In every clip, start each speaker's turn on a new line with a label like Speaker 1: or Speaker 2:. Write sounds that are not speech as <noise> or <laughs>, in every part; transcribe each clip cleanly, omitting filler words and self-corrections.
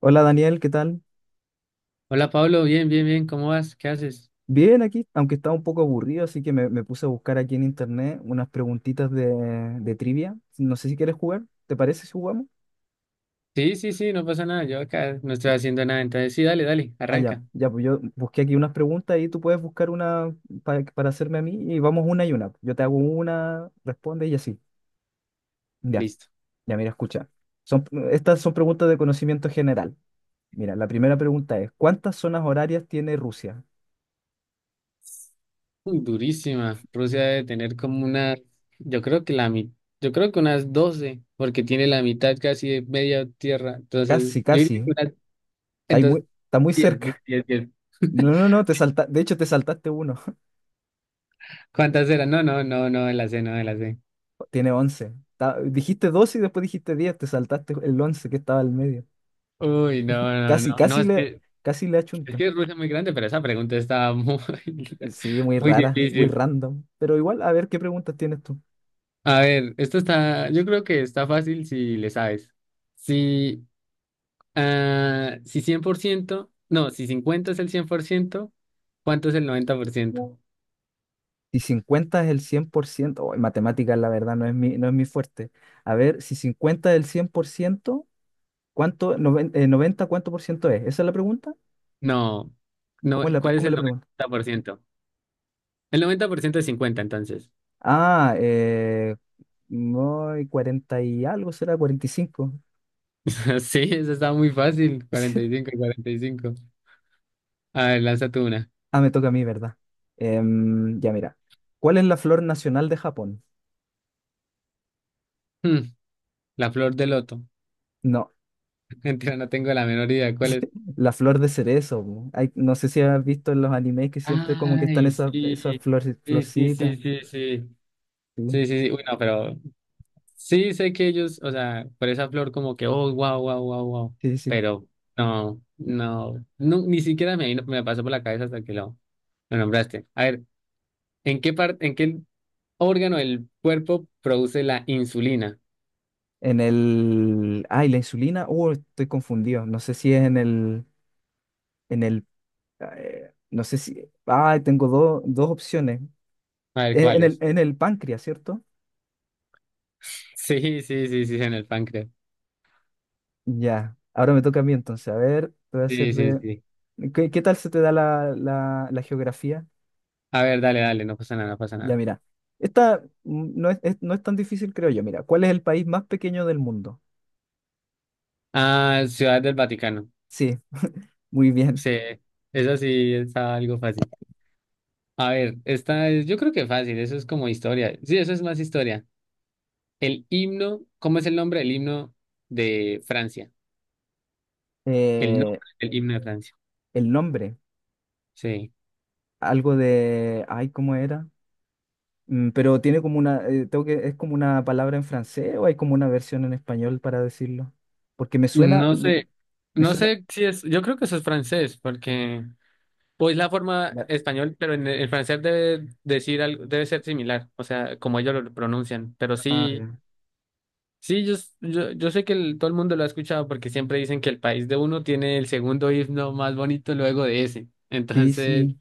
Speaker 1: Hola Daniel, ¿qué tal?
Speaker 2: Hola Pablo, bien, bien, bien, ¿cómo vas? ¿Qué haces?
Speaker 1: Bien aquí, aunque estaba un poco aburrido, así que me puse a buscar aquí en internet unas preguntitas de trivia. No sé si quieres jugar, ¿te parece si jugamos?
Speaker 2: Sí, sí, sí, no pasa nada, yo acá no estoy haciendo nada, entonces sí, dale, dale,
Speaker 1: Ah, ya,
Speaker 2: arranca,
Speaker 1: ya, pues yo busqué aquí unas preguntas y tú puedes buscar una para hacerme a mí y vamos una y una. Yo te hago una, responde y así. Ya,
Speaker 2: listo.
Speaker 1: ya, mira, escucha. Son, Estas son preguntas de conocimiento general. Mira, la primera pregunta es, ¿cuántas zonas horarias tiene Rusia?
Speaker 2: Uy, durísima, Rusia debe tener como una, yo creo que la mi- yo creo que unas 12, porque tiene la mitad casi de media tierra, entonces
Speaker 1: Casi,
Speaker 2: yo diría
Speaker 1: casi,
Speaker 2: que unas, entonces
Speaker 1: está muy
Speaker 2: 10,
Speaker 1: cerca.
Speaker 2: 10, 10. 10.
Speaker 1: No, no, no, te salta, de hecho te saltaste uno.
Speaker 2: ¿Cuántas eran? No, no, no, no, de la C, no, de la C.
Speaker 1: Tiene 11. Dijiste 12 y después dijiste 10, te saltaste el 11 que estaba al medio.
Speaker 2: Uy, no, no, no,
Speaker 1: Casi,
Speaker 2: no,
Speaker 1: casi le
Speaker 2: es
Speaker 1: achunta.
Speaker 2: que Rusia es muy grande, pero esa pregunta estaba muy, <laughs>
Speaker 1: Sí, muy
Speaker 2: muy
Speaker 1: rara, muy
Speaker 2: difícil.
Speaker 1: random. Pero igual, a ver qué preguntas tienes tú.
Speaker 2: A ver, esto está, yo creo que está fácil si le sabes. Si, ah, si 100%, no, si 50 es el 100%, ¿cuánto es el 90%?
Speaker 1: Si 50 es el 100%, oh, en matemáticas la verdad no es mi fuerte. A ver, si 50 es el cien por ciento, ¿cuánto, 90, cuánto por ciento es? ¿Esa es la pregunta?
Speaker 2: No, no, ¿cuál es
Speaker 1: ¿Cómo es
Speaker 2: el
Speaker 1: la pregunta?
Speaker 2: 90%? El 90% es 50, entonces.
Speaker 1: Ah, no, 40 y algo será, 45.
Speaker 2: <laughs> Sí, eso está muy fácil, cuarenta y
Speaker 1: <laughs>
Speaker 2: cinco y cuarenta y cinco. A ver, lanza tú una.
Speaker 1: Ah, me toca a mí, ¿verdad? Ya, mira. ¿Cuál es la flor nacional de Japón?
Speaker 2: Hmm, la flor de loto.
Speaker 1: No,
Speaker 2: <laughs> Mentira, no tengo la menor idea cuál es.
Speaker 1: la flor de cerezo, po. No sé si has visto en los animes que siempre como que están
Speaker 2: Ay,
Speaker 1: esas
Speaker 2: sí, sí, sí, sí,
Speaker 1: florcitas.
Speaker 2: sí, sí.
Speaker 1: Sí,
Speaker 2: Sí, sí, sí. Bueno, pero sí, sé que ellos, o sea, por esa flor como que, oh, wow, wow, wow, wow,
Speaker 1: sí, sí.
Speaker 2: pero no, no, no, ni siquiera me, vino- me pasó por la cabeza hasta que lo nombraste. A ver, ¿en qué órgano del cuerpo produce la insulina?
Speaker 1: Ah, ¿la insulina? Estoy confundido. No sé si es en el... En el... no sé si... Ah, tengo dos opciones.
Speaker 2: A ver, ¿cuál es?
Speaker 1: En el páncreas, ¿cierto?
Speaker 2: <laughs> Sí, sí, sí, sí, en el páncreas.
Speaker 1: Ya. Ahora me toca a mí entonces. A ver, te voy a hacer
Speaker 2: Sí, sí,
Speaker 1: de...
Speaker 2: sí.
Speaker 1: ¿Qué tal se te da la geografía?
Speaker 2: A ver, dale, dale, no pasa nada, no pasa
Speaker 1: Ya,
Speaker 2: nada.
Speaker 1: mira, esta no es tan difícil, creo yo. Mira, ¿cuál es el país más pequeño del mundo?
Speaker 2: Ah, Ciudad del Vaticano.
Speaker 1: Sí, muy bien.
Speaker 2: Sí, eso sí está algo fácil. A ver, esta es, yo creo que fácil, eso es como historia. Sí, eso es más historia. El himno, ¿cómo es el nombre del himno de Francia? El
Speaker 1: Eh,
Speaker 2: nombre del himno de Francia.
Speaker 1: el nombre,
Speaker 2: Sí.
Speaker 1: algo de, ay, ¿cómo era? Pero tiene como una, tengo que, es como una palabra en francés o hay como una versión en español para decirlo. Porque me suena,
Speaker 2: No
Speaker 1: me,
Speaker 2: sé,
Speaker 1: me
Speaker 2: no
Speaker 1: suena.
Speaker 2: sé si es, yo creo que eso es francés, porque pues la forma
Speaker 1: la-
Speaker 2: español, el francés debe decir algo, debe ser similar, o sea, como ellos lo pronuncian. Pero
Speaker 1: ah, ya.
Speaker 2: sí, sí, yo sé que todo el mundo lo ha escuchado porque siempre dicen que el país de uno tiene el segundo himno más bonito luego de ese.
Speaker 1: Sí,
Speaker 2: Entonces,
Speaker 1: sí.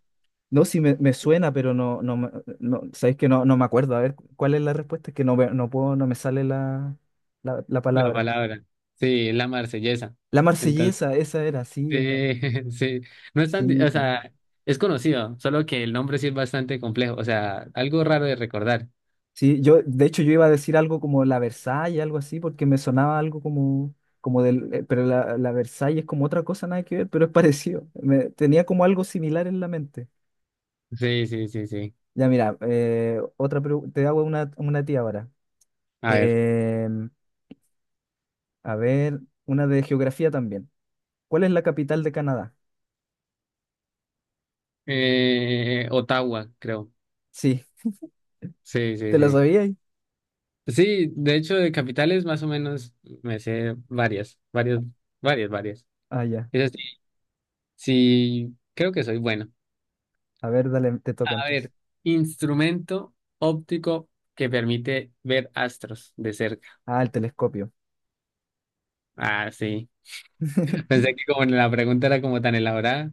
Speaker 1: No, sí me suena, pero no, no, no, sabéis que no, no me acuerdo. A ver, ¿cuál es la respuesta? Es que no, no puedo, no me sale la
Speaker 2: la
Speaker 1: palabra.
Speaker 2: palabra, sí, es la marsellesa.
Speaker 1: La Marsellesa, esa era, sí,
Speaker 2: Sí, <laughs> sí. No es tan, di-
Speaker 1: sí,
Speaker 2: o
Speaker 1: po.
Speaker 2: sea, es conocido, solo que el nombre sí es bastante complejo, o sea, algo raro de recordar.
Speaker 1: Sí, yo, de hecho, yo iba a decir algo como la Versailles, algo así, porque me sonaba algo como, pero la Versailles es como otra cosa, nada que ver, pero es <laughs> parecido. Tenía como algo similar en la mente.
Speaker 2: Sí, sí, sí, sí.
Speaker 1: Ya, mira, otra te hago una tía ahora.
Speaker 2: A ver.
Speaker 1: Em, a ver, una de geografía también. ¿Cuál es la capital de Canadá?
Speaker 2: Ottawa, creo.
Speaker 1: Sí,
Speaker 2: Sí,
Speaker 1: ¿te
Speaker 2: sí,
Speaker 1: lo
Speaker 2: sí.
Speaker 1: sabías?
Speaker 2: Sí, de hecho, de capitales más o menos me sé varias, varias, varias, varias.
Speaker 1: Ah, ya.
Speaker 2: Es así. Sí, creo que soy bueno.
Speaker 1: A ver, dale, te toca
Speaker 2: A ver,
Speaker 1: entonces.
Speaker 2: instrumento óptico que permite ver astros de cerca.
Speaker 1: Ah, el telescopio.
Speaker 2: Ah, sí.
Speaker 1: <laughs>
Speaker 2: Pensé que como la pregunta era como tan elaborada,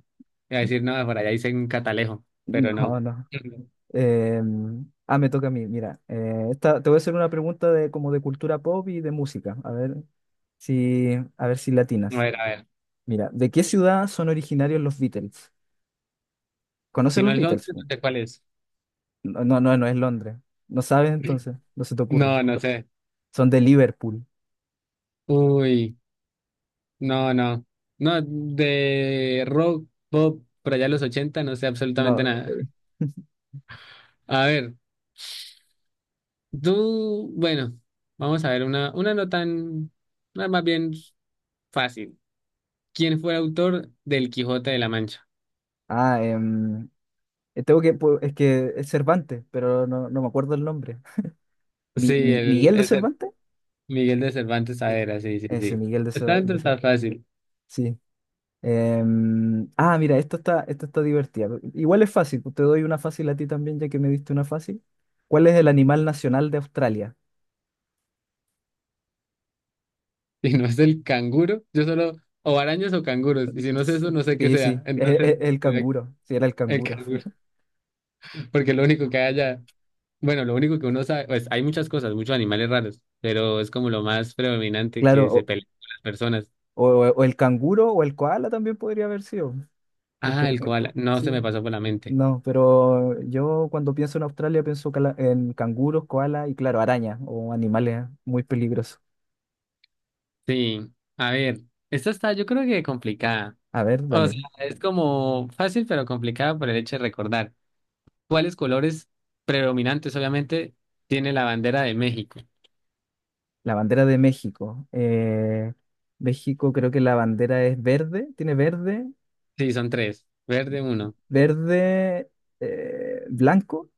Speaker 2: iba a decir, no, por allá hice un catalejo, pero
Speaker 1: No,
Speaker 2: no.
Speaker 1: no.
Speaker 2: Ujú.
Speaker 1: Eh, ah, me toca a mí. Mira, esta, te voy a hacer una pregunta de como de cultura pop y de música. A ver si
Speaker 2: A
Speaker 1: latinas.
Speaker 2: ver, a ver.
Speaker 1: Mira, ¿de qué ciudad son originarios los Beatles?
Speaker 2: Si
Speaker 1: ¿Conoces
Speaker 2: no
Speaker 1: los
Speaker 2: es Londres,
Speaker 1: Beatles,
Speaker 2: no
Speaker 1: po?
Speaker 2: sé cuál es.
Speaker 1: No, no, no, no es Londres. ¿No sabes entonces? No se te ocurre.
Speaker 2: No, no sé.
Speaker 1: Son de Liverpool.
Speaker 2: Uy, no, no. No, de rock, pop, por allá los 80 no sé
Speaker 1: No.
Speaker 2: absolutamente nada.
Speaker 1: <laughs>
Speaker 2: A ver, tú, bueno, vamos a ver una no tan, una más bien fácil. ¿Quién fue el autor del Quijote de la Mancha?
Speaker 1: Ah, tengo que, es que es Cervantes, pero no, no me acuerdo el nombre.
Speaker 2: Sí, el,
Speaker 1: ¿Miguel de
Speaker 2: ese
Speaker 1: Cervantes?
Speaker 2: Miguel de Cervantes
Speaker 1: Sí.
Speaker 2: Saavedra, sí, sí,
Speaker 1: Ese,
Speaker 2: sí.
Speaker 1: Miguel de
Speaker 2: Está dentro,
Speaker 1: Cervantes.
Speaker 2: está fácil. <laughs>
Speaker 1: Sí. Ah, mira, esto está divertido. Igual es fácil, pues, te doy una fácil a ti también, ya que me diste una fácil. ¿Cuál es el animal nacional de Australia?
Speaker 2: Si no es el canguro, yo solo, o arañas o canguros, y si no es
Speaker 1: S-
Speaker 2: eso, no sé qué
Speaker 1: Sí,
Speaker 2: sea.
Speaker 1: sí, e-
Speaker 2: Entonces,
Speaker 1: e- el,
Speaker 2: mira,
Speaker 1: canguro, sí, era el
Speaker 2: el
Speaker 1: canguro.
Speaker 2: canguro,
Speaker 1: <laughs>
Speaker 2: <laughs> porque lo único que haya. Bueno, lo único que uno sabe, pues hay muchas cosas, muchos animales raros, pero es como lo más predominante
Speaker 1: Claro,
Speaker 2: que se
Speaker 1: o,
Speaker 2: pelean con las personas.
Speaker 1: o- o el canguro o el koala también podría haber sido, porque
Speaker 2: Ah, el
Speaker 1: el-
Speaker 2: koala, no se
Speaker 1: sí,
Speaker 2: me pasó por la mente.
Speaker 1: no, pero yo cuando pienso en Australia pienso en canguros, koala y claro, araña o animales muy peligrosos.
Speaker 2: Sí, a ver, esta está yo creo que complicada.
Speaker 1: A ver,
Speaker 2: O
Speaker 1: dale.
Speaker 2: sea, es como fácil, pero complicada por el hecho de recordar. ¿Cuáles colores predominantes, obviamente, tiene la bandera de México?
Speaker 1: La bandera de México. México, creo que la bandera es verde, tiene verde,
Speaker 2: Sí, son tres. Verde, uno.
Speaker 1: verde, blanco,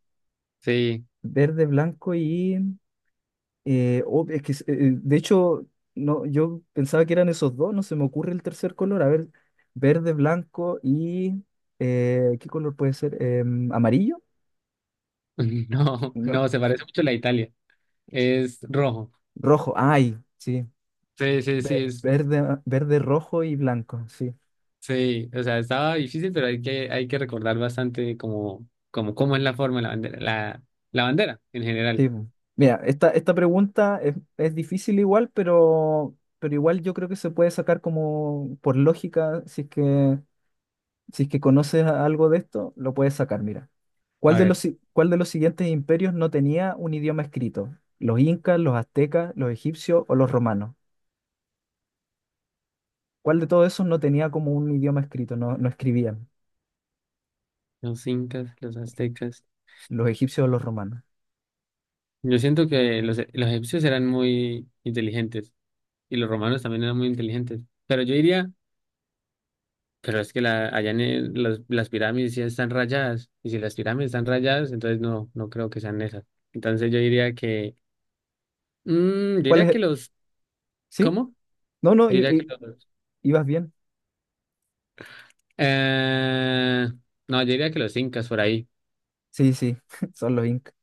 Speaker 2: Sí. <laughs>
Speaker 1: verde, blanco y oh, es que, de hecho, no, yo pensaba que eran esos dos, no se me ocurre el tercer color. A ver, verde, blanco y ¿qué color puede ser? ¿Amarillo?
Speaker 2: No,
Speaker 1: No,
Speaker 2: no, se parece mucho a la de Italia. Es rojo.
Speaker 1: rojo, ay, sí.
Speaker 2: Sí, sí, sí,
Speaker 1: ve-
Speaker 2: es,
Speaker 1: Verde, verde, rojo y blanco, sí.
Speaker 2: sí. O sea, estaba difícil, pero hay que recordar bastante como, como, cómo es la forma de la bandera, la bandera en general.
Speaker 1: Sí, po. Mira, esta pregunta es difícil igual, pero igual yo creo que se puede sacar como por lógica, si es que conoces algo de esto, lo puedes sacar, mira.
Speaker 2: A ver,
Speaker 1: ¿Cuál de los siguientes imperios no tenía un idioma escrito? ¿Los incas, los aztecas, los egipcios o los romanos? ¿Cuál de todos esos no tenía como un idioma escrito? No, no escribían,
Speaker 2: los incas, los aztecas.
Speaker 1: los egipcios o los romanos.
Speaker 2: Yo siento que los egipcios eran muy inteligentes y los romanos también eran muy inteligentes. Pero yo diría... allá en las pirámides sí están rayadas. Y si las pirámides están rayadas, entonces no, no creo que sean esas. Entonces yo diría que. Yo
Speaker 1: ¿Cuál
Speaker 2: diría
Speaker 1: es?
Speaker 2: que los.
Speaker 1: ¿Sí?
Speaker 2: ¿Cómo?
Speaker 1: No, no,
Speaker 2: Yo diría que los.
Speaker 1: ibas bien.
Speaker 2: Eh, no, yo diría que los incas por ahí.
Speaker 1: Sí, sí, <laughs> son los incas.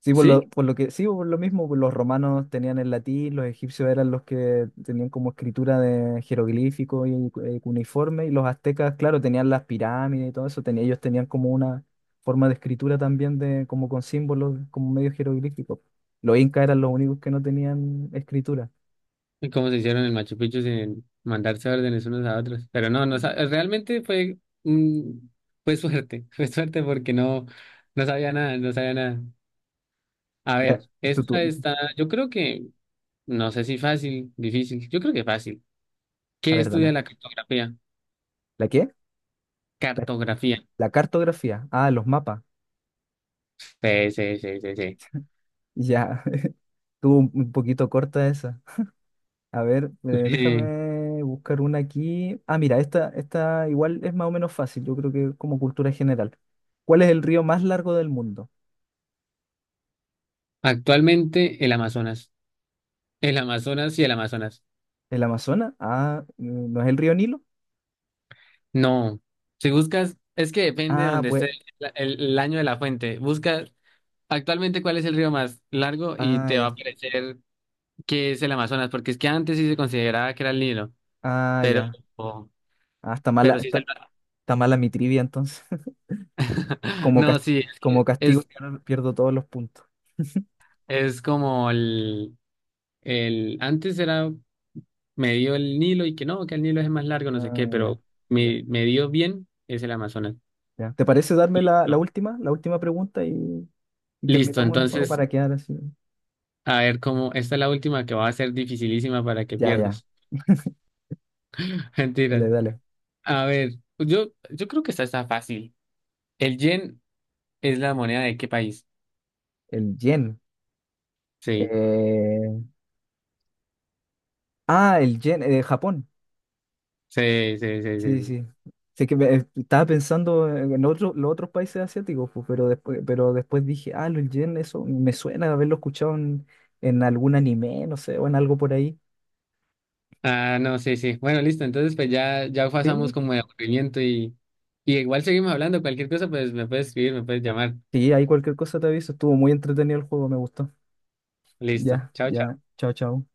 Speaker 1: Sí,
Speaker 2: ¿Sí?
Speaker 1: sí, por lo mismo, pues, los romanos tenían el latín, los egipcios eran los que tenían como escritura de jeroglífico y cuneiforme, y los aztecas, claro, tenían las pirámides y todo eso, ellos tenían como una forma de escritura también de, como con símbolos, como medio jeroglífico. Los incas eran los únicos que no tenían escritura.
Speaker 2: Y cómo se hicieron el Machu Picchu sin mandarse órdenes unos a otros. Pero no, realmente fue. mm, fue suerte. <laughs> Fue suerte porque no, no sabía nada, no sabía nada. A ver,
Speaker 1: Ya, es tu
Speaker 2: esta
Speaker 1: turno.
Speaker 2: está. Yo creo que. No sé si fácil, difícil. Yo creo que fácil.
Speaker 1: A
Speaker 2: ¿Qué
Speaker 1: ver,
Speaker 2: estudia
Speaker 1: dale.
Speaker 2: la cartografía?
Speaker 1: ¿La qué?
Speaker 2: Cartografía.
Speaker 1: La cartografía. Ah, los mapas.
Speaker 2: Sí, sí, sí, sí, sí.
Speaker 1: Ya, <laughs> estuvo un poquito corta esa. A ver,
Speaker 2: <laughs> Eh,
Speaker 1: déjame buscar una aquí. Ah, mira, esta igual es más o menos fácil, yo creo que es como cultura general. ¿Cuál es el río más largo del mundo?
Speaker 2: actualmente el Amazonas. El Amazonas y el Amazonas.
Speaker 1: ¿El Amazonas? Ah, ¿no es el río Nilo?
Speaker 2: No. Si buscas, es que depende de
Speaker 1: Ah,
Speaker 2: donde
Speaker 1: pues,
Speaker 2: esté el año de la fuente. Busca actualmente cuál es el río más largo y
Speaker 1: ah,
Speaker 2: te va a
Speaker 1: ya,
Speaker 2: aparecer que es el Amazonas, porque es que antes sí se consideraba que era el Nilo,
Speaker 1: ah,
Speaker 2: pero,
Speaker 1: ya. Ah, está mala,
Speaker 2: pero sí es el...
Speaker 1: está mala mi trivia entonces. <laughs>
Speaker 2: <laughs>
Speaker 1: Como,
Speaker 2: No,
Speaker 1: cas-
Speaker 2: sí, es
Speaker 1: Como
Speaker 2: que
Speaker 1: castigo pierdo todos los puntos.
Speaker 2: es como el... El, antes era me dio el Nilo y que no, que el Nilo es más largo, no sé qué,
Speaker 1: Ah, ya,
Speaker 2: pero me dio bien es el Amazonas.
Speaker 1: ya. ¿Te parece darme la, la
Speaker 2: Listo.
Speaker 1: última, la última pregunta y
Speaker 2: Listo,
Speaker 1: terminamos el juego
Speaker 2: entonces,
Speaker 1: para quedar así?
Speaker 2: a ver cómo, esta es la última que va a ser dificilísima para que
Speaker 1: Ya, ya,
Speaker 2: pierdas. <laughs> Mentiras.
Speaker 1: dale, dale.
Speaker 2: A ver, pues yo creo que esta está fácil. ¿El yen es la moneda de qué país?
Speaker 1: El yen.
Speaker 2: Sí,
Speaker 1: Eh, Ah, el yen, Japón.
Speaker 2: sí, sí, sí, sí.
Speaker 1: Sí,
Speaker 2: Sí.
Speaker 1: sí. Sé que estaba pensando en los otros países asiáticos, pues, pero después, dije, ah, el yen, eso me suena de haberlo escuchado en algún anime, no sé, o en algo por ahí.
Speaker 2: Ah, no, sí, sí. Bueno, listo, entonces pues ya, ya pasamos
Speaker 1: Sí,
Speaker 2: como de aburrimiento y igual seguimos hablando, cualquier cosa, pues me puedes escribir, me puedes llamar.
Speaker 1: sí, ahí cualquier cosa te aviso. Estuvo muy entretenido el juego, me gustó.
Speaker 2: Listo,
Speaker 1: Ya,
Speaker 2: chao,
Speaker 1: ya.
Speaker 2: chao.
Speaker 1: Chao, chao.